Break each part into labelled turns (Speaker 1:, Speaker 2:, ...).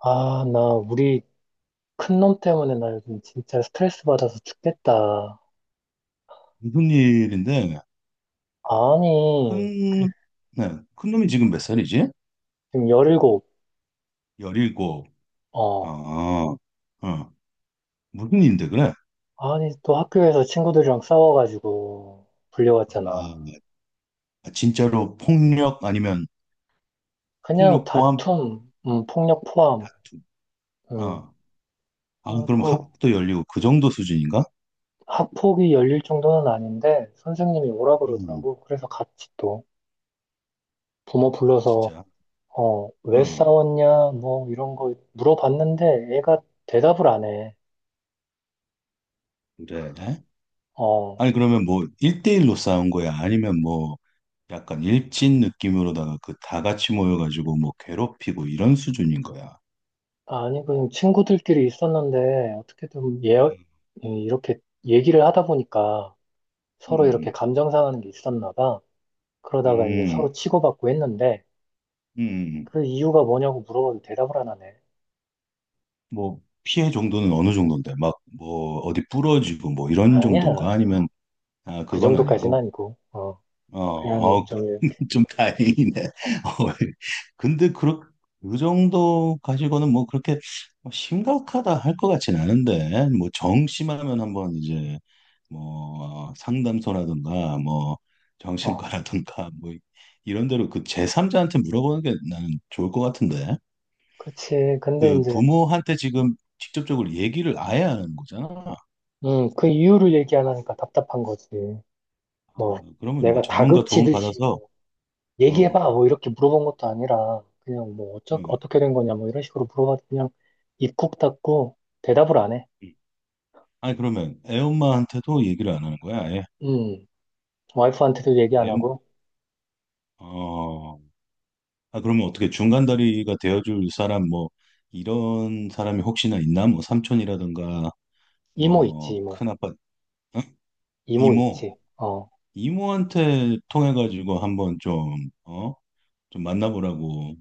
Speaker 1: 아, 나 우리 큰 놈 때문에 나 요즘 진짜 스트레스 받아서 죽겠다.
Speaker 2: 무슨 일인데?
Speaker 1: 아니, 그,
Speaker 2: 큰, 네, 큰 놈이 지금 몇 살이지?
Speaker 1: 지금 17,
Speaker 2: 17.
Speaker 1: 어.
Speaker 2: 아, 어, 무슨 일인데 그래?
Speaker 1: 아니, 또 학교에서 친구들이랑 싸워가지고
Speaker 2: 아,
Speaker 1: 불려왔잖아.
Speaker 2: 네. 아, 진짜로 폭력 아니면
Speaker 1: 그냥
Speaker 2: 폭력 포함
Speaker 1: 다툼, 폭력 포함,
Speaker 2: 다툼.
Speaker 1: 음.
Speaker 2: 어, 아,
Speaker 1: 아,
Speaker 2: 그럼
Speaker 1: 또
Speaker 2: 학도 열리고 그 정도 수준인가?
Speaker 1: 학폭이 열릴 정도는 아닌데 선생님이 오라
Speaker 2: 음,
Speaker 1: 그러더라고. 그래서 같이 또 부모 불러서
Speaker 2: 진짜.
Speaker 1: 어, 왜
Speaker 2: 음,
Speaker 1: 싸웠냐, 뭐 이런 거 물어봤는데 애가 대답을 안 해.
Speaker 2: 그래.
Speaker 1: 어.
Speaker 2: 아니, 그러면 뭐, 일대일로 싸운 거야? 아니면 뭐, 약간 일진 느낌으로다가 그 다 같이 모여가지고 뭐 괴롭히고 이런 수준인 거야?
Speaker 1: 아니, 그냥 친구들끼리 있었는데, 어떻게든 예,
Speaker 2: 음,
Speaker 1: 예, 이렇게 얘기를 하다 보니까 서로 이렇게
Speaker 2: 음.
Speaker 1: 감정 상하는 게 있었나 봐. 그러다가 이제
Speaker 2: 음.
Speaker 1: 서로 치고받고 했는데,
Speaker 2: 음,
Speaker 1: 그 이유가 뭐냐고 물어봐도 대답을 안 하네.
Speaker 2: 뭐, 피해 정도는 어느 정도인데, 막, 뭐, 어디 부러지고, 뭐, 이런 정도인가?
Speaker 1: 아니야.
Speaker 2: 아니면, 아,
Speaker 1: 그
Speaker 2: 그건
Speaker 1: 정도까지는
Speaker 2: 아니고,
Speaker 1: 아니고, 어,
Speaker 2: 어,
Speaker 1: 그냥
Speaker 2: 어,
Speaker 1: 좀 이렇게,
Speaker 2: 좀 다행이네.
Speaker 1: 어,
Speaker 2: 어, 예. 근데, 그, 그 정도 가지고는 뭐, 그렇게 뭐 심각하다 할 것 같진 않은데, 뭐, 정심하면 한번 이제, 뭐, 어, 상담소라든가, 뭐,
Speaker 1: 어,
Speaker 2: 정신과라든가, 뭐, 이런 데로 그 제3자한테 물어보는 게 나는 좋을 것 같은데.
Speaker 1: 그치. 근데
Speaker 2: 그
Speaker 1: 이제,
Speaker 2: 부모한테 지금 직접적으로 얘기를 아예 안 하는 거잖아.
Speaker 1: 그 이유를 얘기 안 하니까 답답한 거지.
Speaker 2: 어,
Speaker 1: 뭐,
Speaker 2: 그러면 뭐
Speaker 1: 내가
Speaker 2: 전문가 도움
Speaker 1: 다그치듯이
Speaker 2: 받아서. 어,
Speaker 1: 얘기해봐 뭐 이렇게 물어본 것도 아니라 그냥 뭐 어떻게 된 거냐 뭐 이런 식으로 물어봐도 그냥 입국 닫고 대답을 안 해.
Speaker 2: 음. 아니 그러면 애엄마한테도 얘기를 안 하는 거야, 아예?
Speaker 1: 음, 와이프한테도 얘기 안
Speaker 2: 애엄
Speaker 1: 하고
Speaker 2: 어, 아, 그러면 어떻게 중간다리가 되어줄 사람, 뭐 이런 사람이 혹시나 있나? 뭐 삼촌이라든가
Speaker 1: 이모 있지
Speaker 2: 뭐
Speaker 1: 이모
Speaker 2: 큰아빠, 어?
Speaker 1: 이모
Speaker 2: 이모,
Speaker 1: 있지. 어,
Speaker 2: 이모한테 통해가지고 한번 좀 어, 좀 만나보라고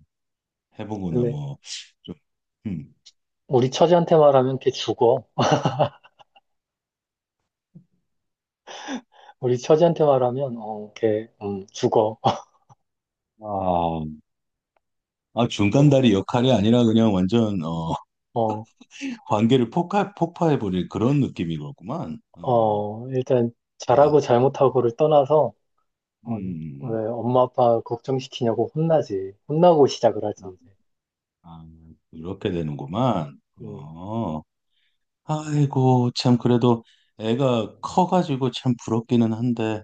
Speaker 2: 해보거나
Speaker 1: 근데
Speaker 2: 뭐 좀, 음.
Speaker 1: 우리 처지한테 말하면 걔 죽어. 우리 처지한테 말하면 어걔 죽어.
Speaker 2: 아, 아, 중간다리 역할이 아니라 그냥 완전, 어,
Speaker 1: 어,
Speaker 2: 관계를 폭파해버릴 그런 느낌인 거구만. 어,
Speaker 1: 어, 일단
Speaker 2: 아,
Speaker 1: 잘하고 잘못하고를 떠나서 어,
Speaker 2: 음,
Speaker 1: 왜 엄마 아빠 걱정시키냐고 혼나지. 혼나고 시작을 하지 이제.
Speaker 2: 아, 이렇게 되는구만.
Speaker 1: 음.
Speaker 2: 어, 아이고, 참, 그래도 애가 커가지고 참 부럽기는 한데,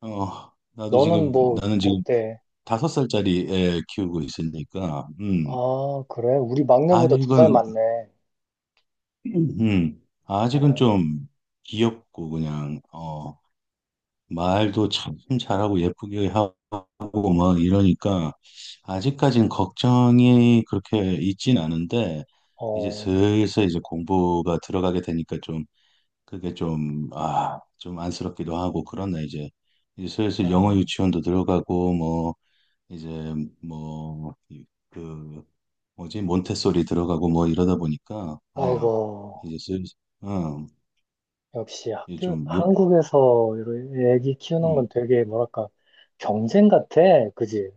Speaker 2: 어,
Speaker 1: 너는 뭐
Speaker 2: 나는 지금
Speaker 1: 어때?
Speaker 2: 5살짜리 애 키우고 있으니까,
Speaker 1: 아, 그래? 우리 막내보다 2살
Speaker 2: 아직은,
Speaker 1: 많네.
Speaker 2: 아직은
Speaker 1: 어,
Speaker 2: 좀 귀엽고, 그냥, 어, 말도 참 잘하고 예쁘게 하고 막 이러니까 아직까지는 걱정이 그렇게 있진 않은데 이제
Speaker 1: 어,
Speaker 2: 슬슬 이제 공부가 들어가게 되니까 좀, 그게 좀 아, 좀 안쓰럽기도 하고 그러네. 이제 이제
Speaker 1: 아,
Speaker 2: 슬슬 영어 유치원도 들어가고 뭐, 이제 뭐 그 뭐지, 몬테소리 들어가고 뭐 이러다 보니까 어
Speaker 1: 아이고.
Speaker 2: 이제 슬슬 어
Speaker 1: 역시
Speaker 2: 이
Speaker 1: 학교,
Speaker 2: 좀욕.
Speaker 1: 한국에서 이런 애기 키우는 건 되게 뭐랄까, 경쟁 같아. 그지?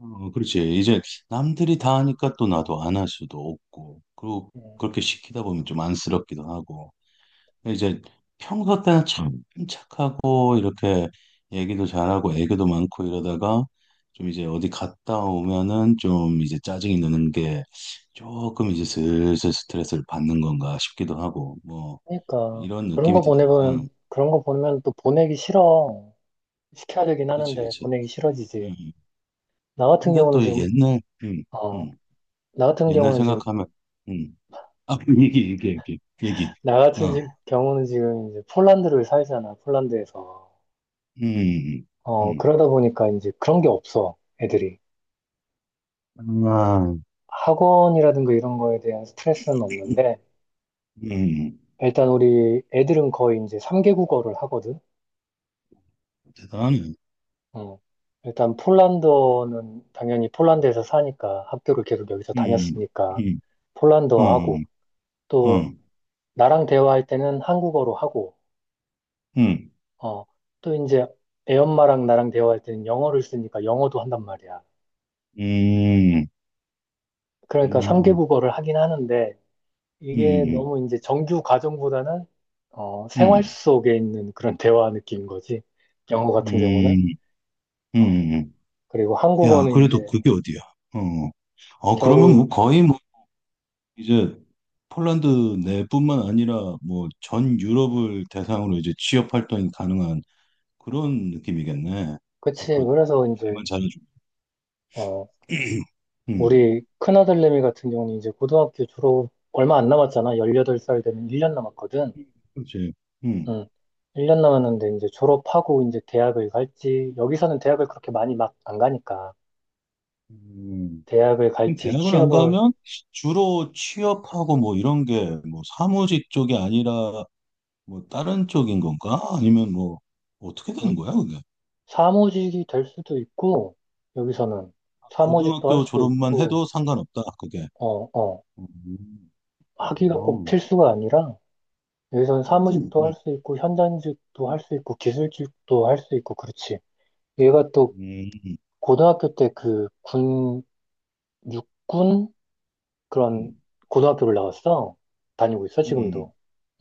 Speaker 2: 어, 그렇지. 이제 남들이 다 하니까 또 나도 안 할 수도 없고, 그리고
Speaker 1: 음,
Speaker 2: 그렇게 시키다 보면 좀 안쓰럽기도 하고. 근데 이제 평소 때는 참 착하고, 이렇게 얘기도 잘하고, 애교도 많고 이러다가 좀 이제 어디 갔다 오면은 좀 이제 짜증이 느는 게 조금 이제 슬슬 스트레스를 받는 건가 싶기도 하고, 뭐,
Speaker 1: 그러니까.
Speaker 2: 이런
Speaker 1: 그런
Speaker 2: 느낌이
Speaker 1: 거
Speaker 2: 드네. 응,
Speaker 1: 보내면, 그런 거 보면 또 보내기 싫어. 시켜야 되긴
Speaker 2: 그렇지,
Speaker 1: 하는데,
Speaker 2: 그렇지.
Speaker 1: 보내기 싫어지지.
Speaker 2: 음.
Speaker 1: 나 같은
Speaker 2: 근데
Speaker 1: 경우는
Speaker 2: 또
Speaker 1: 지금,
Speaker 2: 옛날,
Speaker 1: 어,
Speaker 2: 음,
Speaker 1: 나 같은
Speaker 2: 옛날
Speaker 1: 경우는 지금,
Speaker 2: 생각하면, 음. 아, 얘기. 어,
Speaker 1: 경우는 지금 이제 폴란드를 살잖아, 폴란드에서.
Speaker 2: 음,
Speaker 1: 어,
Speaker 2: 음,
Speaker 1: 그러다 보니까 이제 그런 게 없어, 애들이.
Speaker 2: 아,
Speaker 1: 학원이라든가 이런 거에 대한 스트레스는 없는데,
Speaker 2: 음,
Speaker 1: 일단 우리 애들은 거의 이제 3개 국어를 하거든.
Speaker 2: 대단해.
Speaker 1: 어. 일단 폴란드어는 당연히 폴란드에서 사니까 학교를 계속 여기서
Speaker 2: 음,
Speaker 1: 다녔으니까
Speaker 2: 음, 어,
Speaker 1: 폴란드어 하고, 또
Speaker 2: 어,
Speaker 1: 나랑 대화할 때는 한국어로 하고,
Speaker 2: 음,
Speaker 1: 어. 또 이제 애 엄마랑 나랑 대화할 때는 영어를 쓰니까 영어도 한단 말이야.
Speaker 2: 음,
Speaker 1: 그러니까 3개
Speaker 2: 음,
Speaker 1: 국어를 하긴 하는데, 이게
Speaker 2: 음,
Speaker 1: 너무 이제 정규 과정보다는 어, 생활
Speaker 2: 음,
Speaker 1: 속에 있는 그런 대화 느낌인 거지. 영어 같은 경우는.
Speaker 2: 음,
Speaker 1: 어,
Speaker 2: 음.
Speaker 1: 그리고
Speaker 2: 야,
Speaker 1: 한국어는
Speaker 2: 그래도
Speaker 1: 이제
Speaker 2: 그게 어디야? 어, 어, 그러면
Speaker 1: 겨우,
Speaker 2: 뭐 거의 뭐 이제 폴란드 내뿐만 아니라 뭐 전 유럽을 대상으로 이제 취업 활동이 가능한 그런 느낌이겠네.
Speaker 1: 그치.
Speaker 2: 앞으로
Speaker 1: 그래서 이제,
Speaker 2: 잘만 잘해주면.
Speaker 1: 어,
Speaker 2: 음.
Speaker 1: 우리 큰아들내미 같은 경우는 이제 고등학교 졸업 얼마 안 남았잖아. 18살 되면 1년 남았거든.
Speaker 2: 그렇지. 음.
Speaker 1: 응. 1년 남았는데 이제 졸업하고 이제 대학을 갈지, 여기서는 대학을 그렇게 많이 막 안 가니까.
Speaker 2: 음.
Speaker 1: 대학을
Speaker 2: 그럼
Speaker 1: 갈지
Speaker 2: 대학을 안
Speaker 1: 취업을,
Speaker 2: 가면 주로 취업하고 뭐 이런 게 뭐 사무직 쪽이 아니라 뭐 다른 쪽인 건가? 아니면 뭐 어떻게 되는 거야, 그게?
Speaker 1: 사무직이 될 수도 있고, 여기서는 사무직도 할
Speaker 2: 고등학교
Speaker 1: 수
Speaker 2: 졸업만
Speaker 1: 있고,
Speaker 2: 해도 상관없다, 그게.
Speaker 1: 어, 어,
Speaker 2: 음.
Speaker 1: 학위가 꼭
Speaker 2: 어.
Speaker 1: 필수가 아니라, 여기서는
Speaker 2: 음.
Speaker 1: 사무직도 할
Speaker 2: 음.
Speaker 1: 수 있고, 현장직도 할 수 있고, 기술직도 할 수 있고, 그렇지. 얘가 또
Speaker 2: 음. 음.
Speaker 1: 고등학교 때 그 군, 육군? 그런
Speaker 2: 음.
Speaker 1: 고등학교를 나왔어. 다니고 있어,
Speaker 2: 음.
Speaker 1: 지금도.
Speaker 2: 음.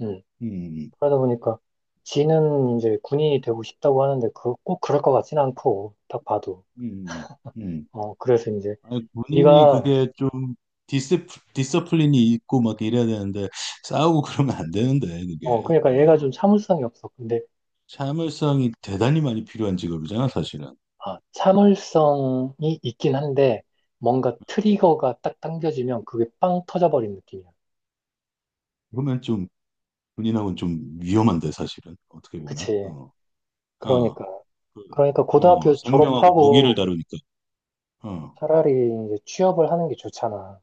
Speaker 1: 음.
Speaker 2: 음. 음. 음. 음. 음.
Speaker 1: 그러다 보니까, 지는 이제 군인이 되고 싶다고 하는데, 그, 꼭 그럴 것 같진 않고, 딱 봐도.
Speaker 2: 음. 음. 음.
Speaker 1: 어, 그래서 이제,
Speaker 2: 아니, 본인이
Speaker 1: 네가,
Speaker 2: 그게 좀 디스, 디서플린이 있고 막 이래야 되는데 싸우고 그러면 안 되는데,
Speaker 1: 어,
Speaker 2: 그게.
Speaker 1: 그러니까 얘가
Speaker 2: 어.
Speaker 1: 좀 참을성이 없어. 근데,
Speaker 2: 참을성이 대단히 많이 필요한 직업이잖아, 사실은.
Speaker 1: 아,
Speaker 2: 음.
Speaker 1: 참을성이 있긴 한데, 뭔가 트리거가 딱 당겨지면 그게 빵 터져버린 느낌이야.
Speaker 2: 그러면 좀 군인하고는 좀 위험한데, 사실은. 어떻게 보면.
Speaker 1: 그치.
Speaker 2: 어, 어,
Speaker 1: 그러니까.
Speaker 2: 그,
Speaker 1: 그러니까
Speaker 2: 어,
Speaker 1: 고등학교
Speaker 2: 생명하고 무기를
Speaker 1: 졸업하고
Speaker 2: 다루니까. 어,
Speaker 1: 차라리 이제 취업을 하는 게 좋잖아.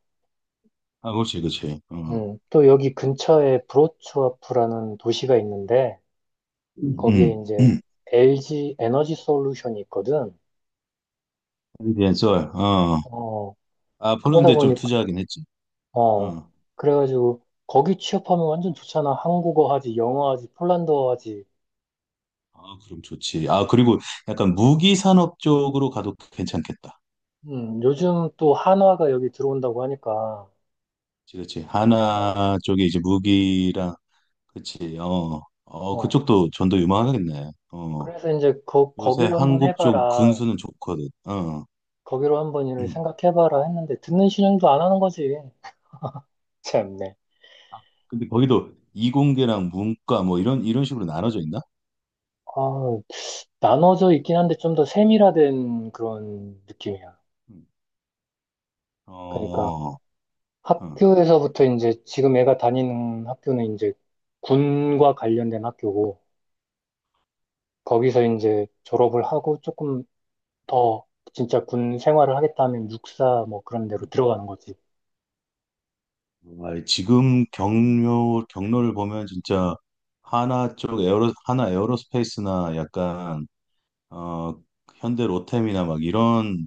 Speaker 2: 아, 그렇지, 그렇지. 어,
Speaker 1: 또 여기 근처에 브로츠와프라는 도시가 있는데, 거기에
Speaker 2: 음, 음,
Speaker 1: 이제 LG 에너지 솔루션이 있거든.
Speaker 2: 썰. 어,
Speaker 1: 어,
Speaker 2: 아,
Speaker 1: 그러다
Speaker 2: 폴란드에 좀
Speaker 1: 보니
Speaker 2: 투자하긴 했지.
Speaker 1: 어,
Speaker 2: 어,
Speaker 1: 그래가지고, 거기 취업하면 완전 좋잖아. 한국어 하지, 영어 하지, 폴란드어 하지.
Speaker 2: 아, 그럼 좋지. 아, 그리고 약간 무기 산업 쪽으로 가도 괜찮겠다.
Speaker 1: 요즘 또 한화가 여기 들어온다고 하니까,
Speaker 2: 그렇지, 그렇지.
Speaker 1: 어,
Speaker 2: 하나 쪽에 이제 무기랑, 그렇지. 어, 어,
Speaker 1: 어.
Speaker 2: 그쪽도 전도 유망하겠네. 어.
Speaker 1: 그래서 이제
Speaker 2: 요새
Speaker 1: 거기로 한번
Speaker 2: 한국 좀
Speaker 1: 해봐라.
Speaker 2: 군수는 좋거든. 어.
Speaker 1: 거기로 한번 일을
Speaker 2: 음.
Speaker 1: 생각해봐라 했는데, 듣는 신용도 안 하는 거지. 참네.
Speaker 2: 아, 근데 거기도 이공계랑 문과 뭐 이런 식으로 나눠져 있나?
Speaker 1: 아, 나눠져 있긴 한데 좀 더 세밀화된 그런 느낌이야.
Speaker 2: 음.
Speaker 1: 그러니까
Speaker 2: 어. 어.
Speaker 1: 학교에서부터 이제 지금 애가 다니는 학교는 이제
Speaker 2: 음,
Speaker 1: 군과 관련된 학교고, 거기서 이제 졸업을 하고 조금 더 진짜 군 생활을 하겠다 하면 육사 뭐 그런 데로
Speaker 2: 음.
Speaker 1: 들어가는 거지.
Speaker 2: 아, 지금 경로 경로를 보면 진짜 하나 쪽 에어로, 하나 에어로스페이스나 약간 어 현대 로템이나 막 이런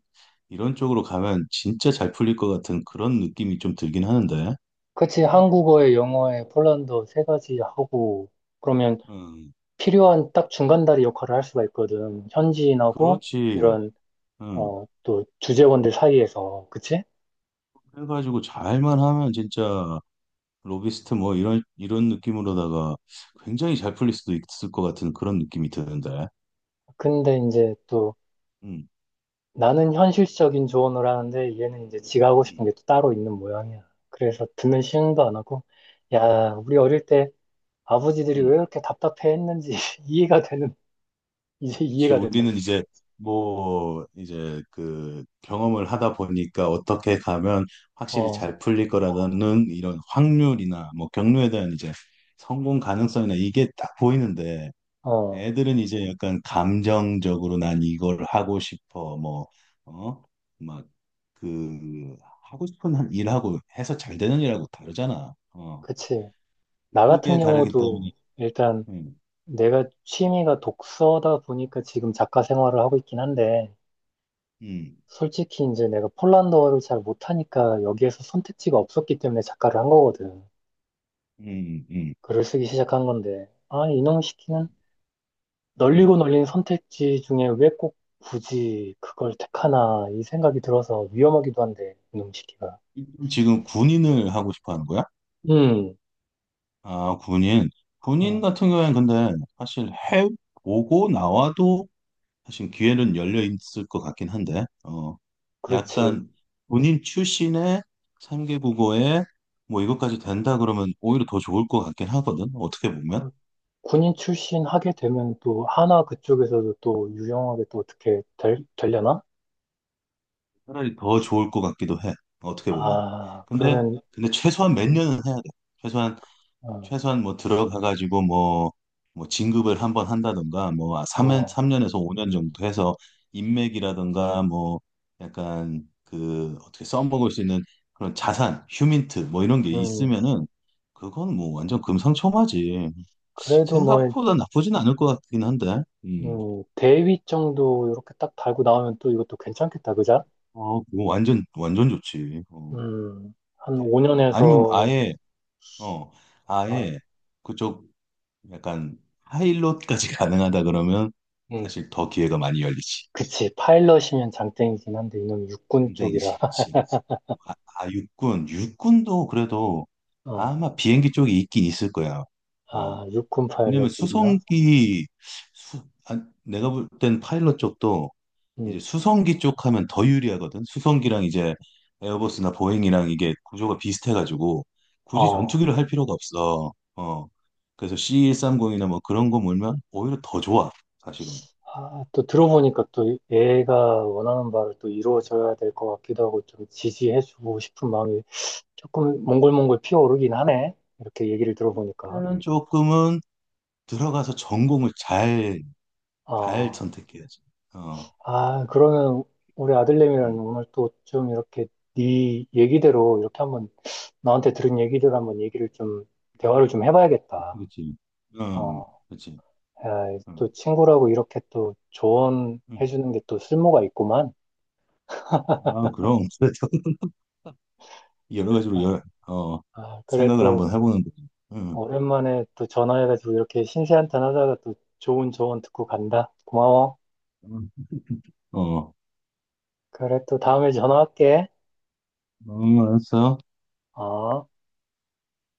Speaker 2: 이런 쪽으로 가면 진짜 잘 풀릴 것 같은 그런 느낌이 좀 들긴 하는데.
Speaker 1: 그치,
Speaker 2: 어.
Speaker 1: 한국어에 영어에 폴란드어 3가지 하고, 그러면
Speaker 2: 음.
Speaker 1: 필요한 딱 중간다리 역할을 할 수가 있거든. 현지인하고
Speaker 2: 그렇지.
Speaker 1: 이런,
Speaker 2: 응.
Speaker 1: 어, 또 주재원들 사이에서. 그치?
Speaker 2: 해가지고 잘만 하면 진짜 로비스트 뭐 이런 느낌으로다가 굉장히 잘 풀릴 수도 있을 것 같은 그런 느낌이 드는데.
Speaker 1: 근데 이제 또
Speaker 2: 음,
Speaker 1: 나는 현실적인 조언을 하는데 얘는 이제 지가 하고
Speaker 2: 음,
Speaker 1: 싶은 게 또 따로 있는 모양이야. 그래서 듣는 시음도 안 하고, 야, 우리 어릴 때 아버지들이 왜
Speaker 2: 음.
Speaker 1: 이렇게 답답해했는지 이해가 되는 이제
Speaker 2: 그렇지.
Speaker 1: 이해가 된다
Speaker 2: 우리는
Speaker 1: 진짜.
Speaker 2: 이제 뭐 이제 그 경험을 하다 보니까 어떻게 가면 확실히
Speaker 1: 어,
Speaker 2: 잘 풀릴 거라는 이런 확률이나 뭐 경로에 대한 이제 성공 가능성이나 이게 딱 보이는데
Speaker 1: 어,
Speaker 2: 애들은 이제 약간 감정적으로 난 이걸 하고 싶어, 뭐, 어? 막, 그, 하고 싶은 한 일하고 해서 잘 되는 일하고 다르잖아. 어.
Speaker 1: 그치. 나 같은
Speaker 2: 그게 다르기
Speaker 1: 경우도
Speaker 2: 때문에,
Speaker 1: 일단
Speaker 2: 음,
Speaker 1: 내가 취미가 독서다 보니까 지금 작가 생활을 하고 있긴 한데
Speaker 2: 음,
Speaker 1: 솔직히 이제 내가 폴란드어를 잘 못하니까 여기에서 선택지가 없었기 때문에 작가를 한 거거든.
Speaker 2: 음, 음.
Speaker 1: 글을 쓰기 시작한 건데 아 이놈 시키는
Speaker 2: 음.
Speaker 1: 널리고 널린 선택지 중에 왜 꼭 굳이 그걸 택하나 이 생각이 들어서 위험하기도 한데 이놈 시키가.
Speaker 2: 지금 군인을 하고 싶어 하는 거야?
Speaker 1: 음.
Speaker 2: 아, 군인. 군인
Speaker 1: 음,
Speaker 2: 같은 경우에는 근데 사실 해보고 나와도 사실 기회는 열려 있을 것 같긴 한데, 어,
Speaker 1: 그렇지.
Speaker 2: 약간 본인 출신의 3개 국어에 뭐 이것까지 된다 그러면 오히려 더 좋을 것 같긴 하거든. 어떻게 보면.
Speaker 1: 그 군인 출신 하게 되면 또 하나 그쪽에서도 또 유용하게 또 어떻게 되려나?
Speaker 2: 차라리 더 좋을 것 같기도 해. 어떻게 보면.
Speaker 1: 아,
Speaker 2: 근데,
Speaker 1: 그러면,
Speaker 2: 근데 최소한 몇 년은 해야 돼. 최소한,
Speaker 1: 어,
Speaker 2: 최소한 뭐 들어가가지고 뭐, 뭐 진급을 한번 한다든가 뭐 3년,
Speaker 1: 어,
Speaker 2: 년에서 5년 정도 해서 인맥이라든가 뭐 약간 그 어떻게 써먹을 수 있는 그런 자산, 휴민트 뭐 이런 게
Speaker 1: 음,
Speaker 2: 있으면은 그건 뭐 완전 금상첨화지.
Speaker 1: 그래도 뭐,
Speaker 2: 생각보다 나쁘진 않을 것 같긴 한데. 음.
Speaker 1: 대위 정도 이렇게 딱 달고 나오면 또 이것도 괜찮겠다, 그자?
Speaker 2: 어, 그거 완전 좋지. 어,
Speaker 1: 한
Speaker 2: 대리적으로. 아니면
Speaker 1: 5년에서,
Speaker 2: 아예 어,
Speaker 1: 어,
Speaker 2: 아예 그쪽 약간 하이롯까지 가능하다 그러면
Speaker 1: 음,
Speaker 2: 사실 더 기회가 많이 열리지.
Speaker 1: 그치. 파일럿이면 장땡이긴 한데, 이놈 육군
Speaker 2: 상대이지,
Speaker 1: 쪽이라.
Speaker 2: 그렇지. 아, 아, 육군도 그래도
Speaker 1: 어,
Speaker 2: 아마 비행기 쪽이 있긴 있을 거야. 어,
Speaker 1: 아, 육군
Speaker 2: 왜냐면
Speaker 1: 파일럿도 있나?
Speaker 2: 수, 아, 내가 볼 땐 파일럿 쪽도 이제
Speaker 1: 음,
Speaker 2: 수성기 쪽 하면 더 유리하거든. 수성기랑 이제 에어버스나 보잉이랑 이게 구조가 비슷해가지고 굳이
Speaker 1: 어.
Speaker 2: 전투기를 할 필요가 없어. 어. 그래서 C130이나 뭐 그런 거 몰면 오히려 더 좋아. 사실은.
Speaker 1: 아, 또 들어보니까 또 얘가 원하는 바를 또 이루어져야 될 것 같기도 하고 좀 지지해주고 싶은 마음이 조금 몽골몽골 피어오르긴 하네. 이렇게 얘기를 들어보니까.
Speaker 2: 나는 조금은 들어가서 전공을 잘, 잘
Speaker 1: 아,
Speaker 2: 선택해야지. 어.
Speaker 1: 아, 그러면 우리 아들내미랑
Speaker 2: 음.
Speaker 1: 오늘 또 좀 이렇게 네 얘기대로 이렇게 한번 나한테 들은 얘기대로 한번 얘기를 좀 대화를 좀 해봐야겠다.
Speaker 2: 그치. 음.
Speaker 1: 어,
Speaker 2: 그치.
Speaker 1: 야, 또
Speaker 2: 음.
Speaker 1: 친구라고 이렇게 또
Speaker 2: 음.
Speaker 1: 조언해주는 게 또 쓸모가 있구만.
Speaker 2: 아, 그럼. 그래서 여러 가지로
Speaker 1: 아,
Speaker 2: 열, 어,
Speaker 1: 아, 그래
Speaker 2: 생각을
Speaker 1: 또.
Speaker 2: 한번 해보는 거지.
Speaker 1: 어,
Speaker 2: 응.
Speaker 1: 오랜만에 또 전화해가지고 이렇게 신세한탄 하다가 또 좋은 조언 듣고 간다. 고마워.
Speaker 2: 응. 어,
Speaker 1: 그래, 또 다음에 전화할게.
Speaker 2: 응, 알았어.
Speaker 1: 어.